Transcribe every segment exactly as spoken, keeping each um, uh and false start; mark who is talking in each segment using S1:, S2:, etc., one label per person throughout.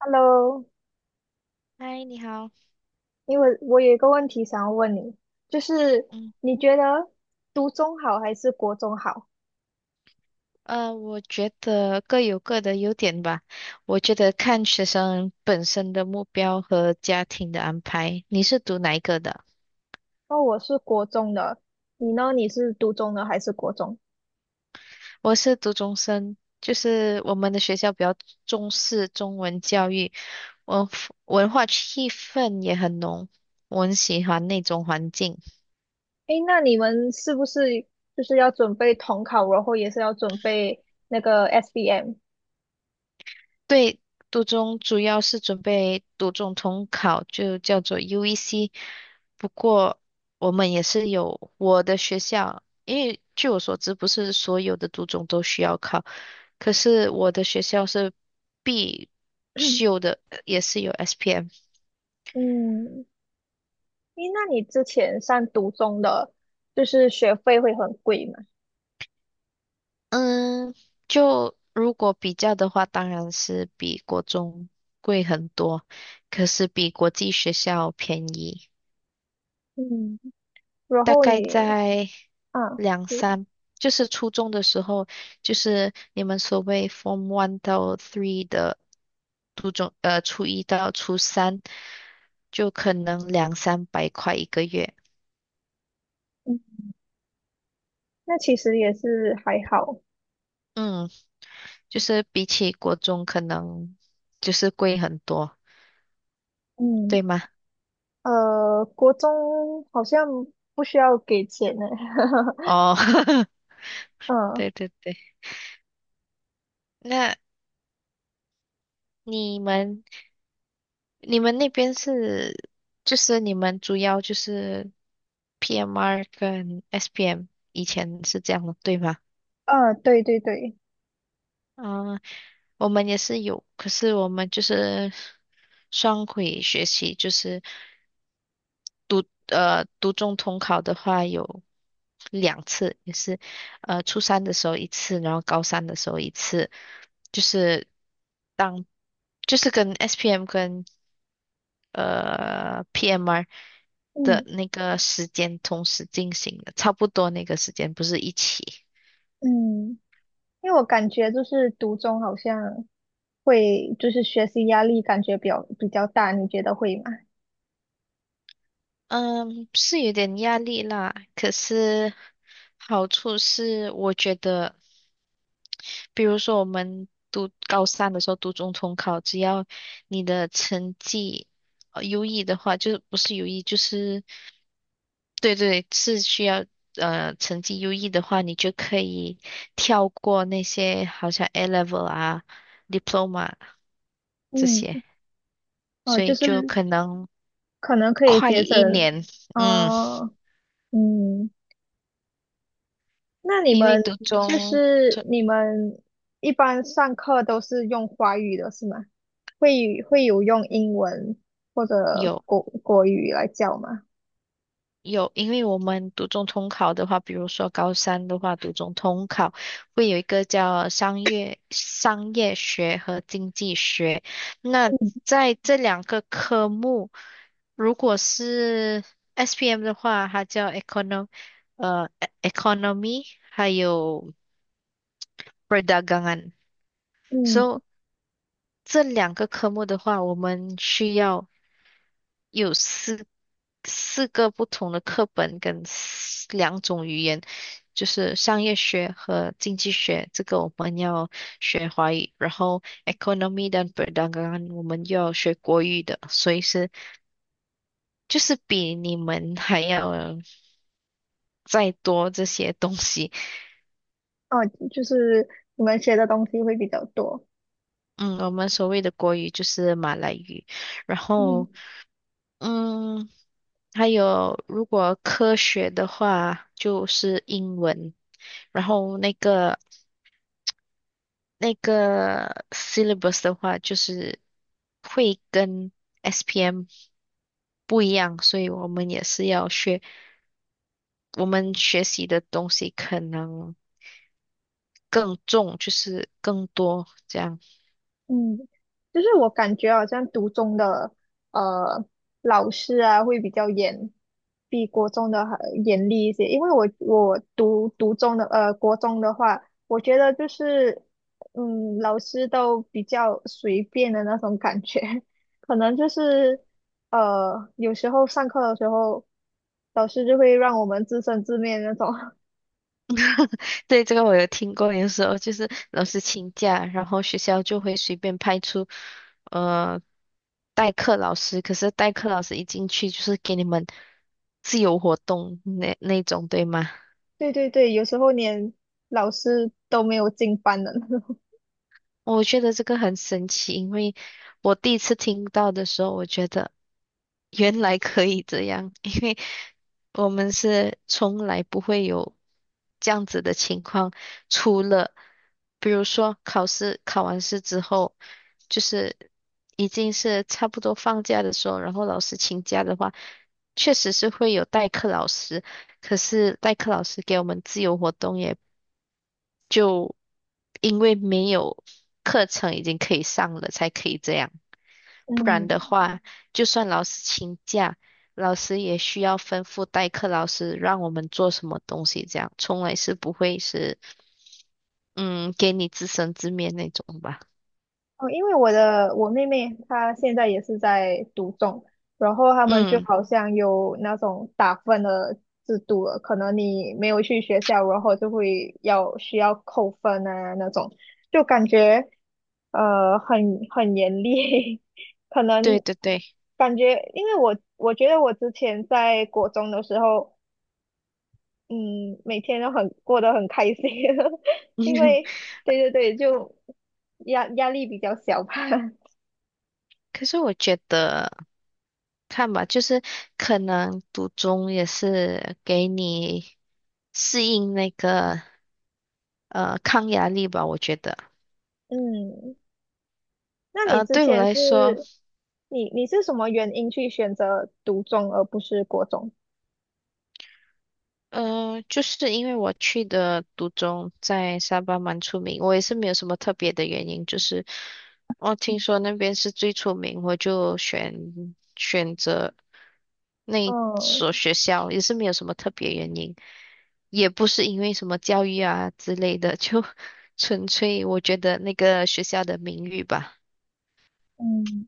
S1: Hello，
S2: 嗨，你好。
S1: 因为我有一个问题想要问你，就是
S2: 嗯，
S1: 你觉得读中好还是国中好？
S2: 呃，我觉得各有各的优点吧。我觉得看学生本身的目标和家庭的安排。你是读哪一个的？
S1: 哦，我是国中的，你呢？你是读中的还是国中？
S2: 我是读中生，就是我们的学校比较重视中文教育，文文化气氛也很浓，我很喜欢那种环境。
S1: 诶，那你们是不是就是要准备统考，然后也是要准备那个 S B M？
S2: 对，读中主要是准备读中统考，就叫做 U E C。不过我们也是有我的学校，因为据我所知，不是所有的读中都需要考。可是我的学校是必修的，呃也是有 S P M。
S1: 嗯，诶，那你之前上读中的，就是学费会很贵嘛？
S2: 嗯，就如果比较的话，当然是比国中贵很多，可是比国际学校便宜。
S1: 嗯，然
S2: 大
S1: 后
S2: 概
S1: 你
S2: 在
S1: 啊，
S2: 两三，就是初中的时候，就是你们所谓 Form One 到 Three 的初中，呃，初一到初三，就可能两三百块一个月。
S1: 嗯，那其实也是还好，
S2: 嗯，就是比起国中可能就是贵很多，
S1: 嗯。
S2: 对吗？
S1: 呃，国中好像不需要给钱呢。
S2: 哦，
S1: 嗯
S2: 对对对，那你们你们那边是，就是你们主要就是 P M R 跟 S P M，以前是这样的，对吗？
S1: 嗯，对对对，
S2: 啊、我们也是有，可是我们就是双轨学习，就是读呃读中统考的话有两次，也是呃初三的时候一次，然后高三的时候一次，就是当就是跟 S P M 跟呃 P M R 的
S1: 嗯
S2: 那个时间同时进行的，差不多那个时间不是一起。
S1: 嗯，因为我感觉就是读中好像会就是学习压力感觉比较比较大，你觉得会吗？
S2: 嗯，是有点压力啦，可是好处是我觉得。比如说我们读高三的时候读中统考，只要你的成绩呃优异的话，就不是优异，就是对对，是需要呃成绩优异的话，你就可以跳过那些好像 A level 啊、diploma 这
S1: 嗯，
S2: 些，
S1: 哦，
S2: 所
S1: 就
S2: 以
S1: 是
S2: 就可能
S1: 可能可以
S2: 快
S1: 节省，
S2: 一年。嗯，
S1: 哦，嗯。那你
S2: 因为
S1: 们
S2: 读
S1: 就
S2: 中
S1: 是你们一般上课都是用华语的是吗？会会有用英文或者
S2: 有。
S1: 国国语来教吗？
S2: 有，因为我们读中通考的话，比如说高三的话，读中通考会有一个叫商业商业学和经济学。那
S1: 嗯，
S2: 在这两个科目，如果是 S P M 的话，它叫 econom 呃 e- c o n o m y 还有 perdagangan。
S1: 嗯
S2: So 这两个科目的话，我们需要。有四四个不同的课本跟四两种语言，就是商业学和经济学，这个我们要学华语，然后 economy 跟 p e r d n g a 我们要学国语的，所以是就是比你们还要再多这些东西。
S1: 哦，就是你们学的东西会比较多。
S2: 嗯，我们所谓的国语就是马来语，然
S1: 嗯
S2: 后嗯，还有如果科学的话就是英文。然后那个那个 syllabus 的话，就是会跟 S P M 不一样，所以我们也是要学，我们学习的东西可能更重，就是更多这样。
S1: 嗯，就是我感觉好像读中的呃老师啊会比较严，比国中的还严厉一些。因为我我读读中的呃国中的话，我觉得就是嗯老师都比较随便的那种感觉，可能就是呃有时候上课的时候，老师就会让我们自生自灭那种。
S2: 对，这个我有听过，有时候就是老师请假，然后学校就会随便派出呃代课老师，可是代课老师一进去就是给你们自由活动那那种，对吗？
S1: 对对对，有时候连老师都没有进班的那种。
S2: 我觉得这个很神奇，因为我第一次听到的时候，我觉得原来可以这样，因为我们是从来不会有这样子的情况，除了比如说考试考完试之后，就是已经是差不多放假的时候，然后老师请假的话，确实是会有代课老师，可是代课老师给我们自由活动也。就因为没有课程已经可以上了，才可以这样。
S1: 嗯。
S2: 不然的话，就算老师请假，老师也需要吩咐代课老师让我们做什么东西，这样从来是不会是嗯给你自生自灭那种吧。
S1: 哦，因为我的我妹妹她现在也是在读中，然后他们就
S2: 嗯，
S1: 好像有那种打分的制度了，可能你没有去学校，然后就会要需要扣分啊那种，就感觉呃很很严厉，可
S2: 对
S1: 能
S2: 对对，
S1: 感觉因为我我觉得我之前在国中的时候，嗯，每天都很过得很开心，因 为对对对，就压压力比较小吧。
S2: 可是我觉得，看吧，就是可能读中也是给你适应那个呃抗压力吧，我觉得。
S1: 嗯，那你
S2: 呃，
S1: 之
S2: 对我
S1: 前
S2: 来说，
S1: 是你你是什么原因去选择读中而不是国中？
S2: 嗯、就是因为我去的独中在沙巴蛮出名，我也是没有什么特别的原因，就是我听说那边是最出名，我就选选择那
S1: 嗯
S2: 所学校，也是没有什么特别原因，也不是因为什么教育啊之类的，就 纯粹我觉得那个学校的名誉吧，
S1: 嗯，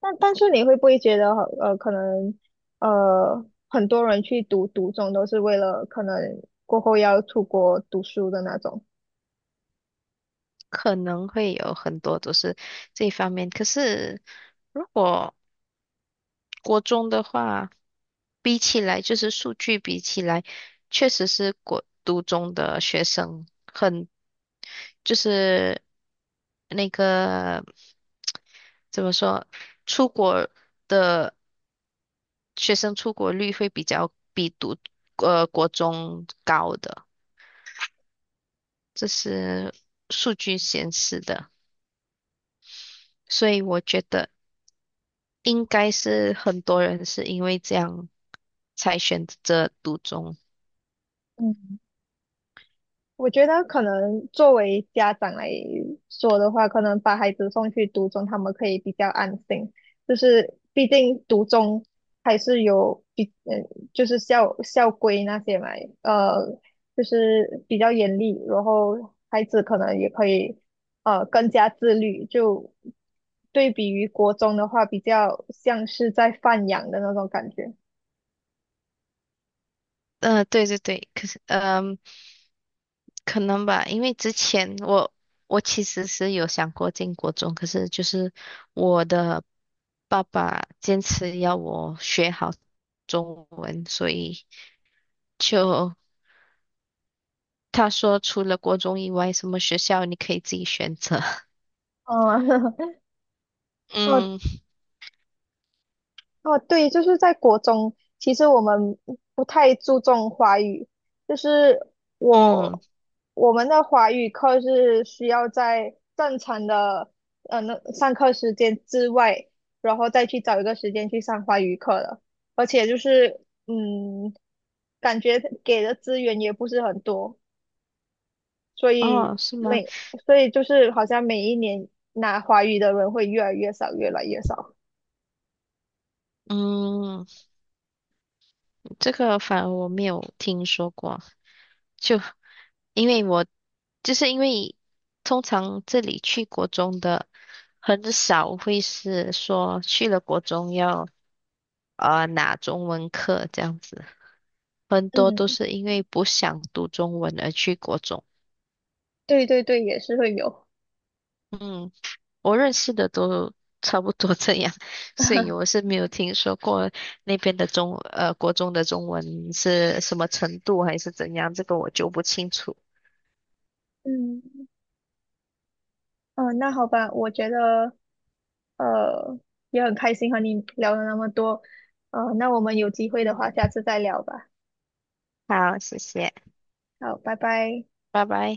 S1: 但但是你会不会觉得呃，可能呃，很多人去读读中都是为了可能过后要出国读书的那种？
S2: 可能会有很多都是这一方面，可是如果国中的话。比起来，就是数据比起来，确实是国读中的学生很，就是那个怎么说，出国的学生出国率会比较比读呃国中高的，这是数据显示的，所以我觉得应该是很多人是因为这样才选择读中。
S1: 嗯。我觉得可能作为家长来说的话，可能把孩子送去读中，他们可以比较安心。就是毕竟读中还是有比嗯，就是校校规那些嘛，呃，就是比较严厉，然后孩子可能也可以呃更加自律。就对比于国中的话，比较像是在放养的那种感觉。
S2: 嗯，对对对，可是嗯。可能吧，因为之前我我其实是有想过进国中，可是就是我的爸爸坚持要我学好中文，所以就他说除了国中以外，什么学校你可以自己选择。
S1: 嗯，哦
S2: 嗯
S1: 哦，对，就是在国中，其实我们不太注重华语，就是
S2: 嗯，
S1: 我我们的华语课是需要在正常的呃那上课时间之外，然后再去找一个时间去上华语课的，而且就是嗯，感觉给的资源也不是很多。所以
S2: 哦，是吗？
S1: 每所以就是好像每一年拿华语的人会越来越少，越来越少。
S2: 嗯，这个反而我没有听说过。就因为我就是因为通常这里去国中的很少会是说去了国中要呃拿中文课这样子，很多都
S1: 嗯，
S2: 是因为不想读中文而去国中。
S1: 对对对，也是会有。
S2: 嗯，我认识的都差不多这样，所以我 是没有听说过那边的中呃国中的中文是什么程度还是怎样，这个我就不清楚。
S1: 嗯，哦，那好吧，我觉得呃，也很开心和你聊了那么多，呃，那我们有机会的话，
S2: 嗯，
S1: 下次再聊吧。
S2: 好，谢谢，
S1: 好，拜拜。
S2: 拜拜。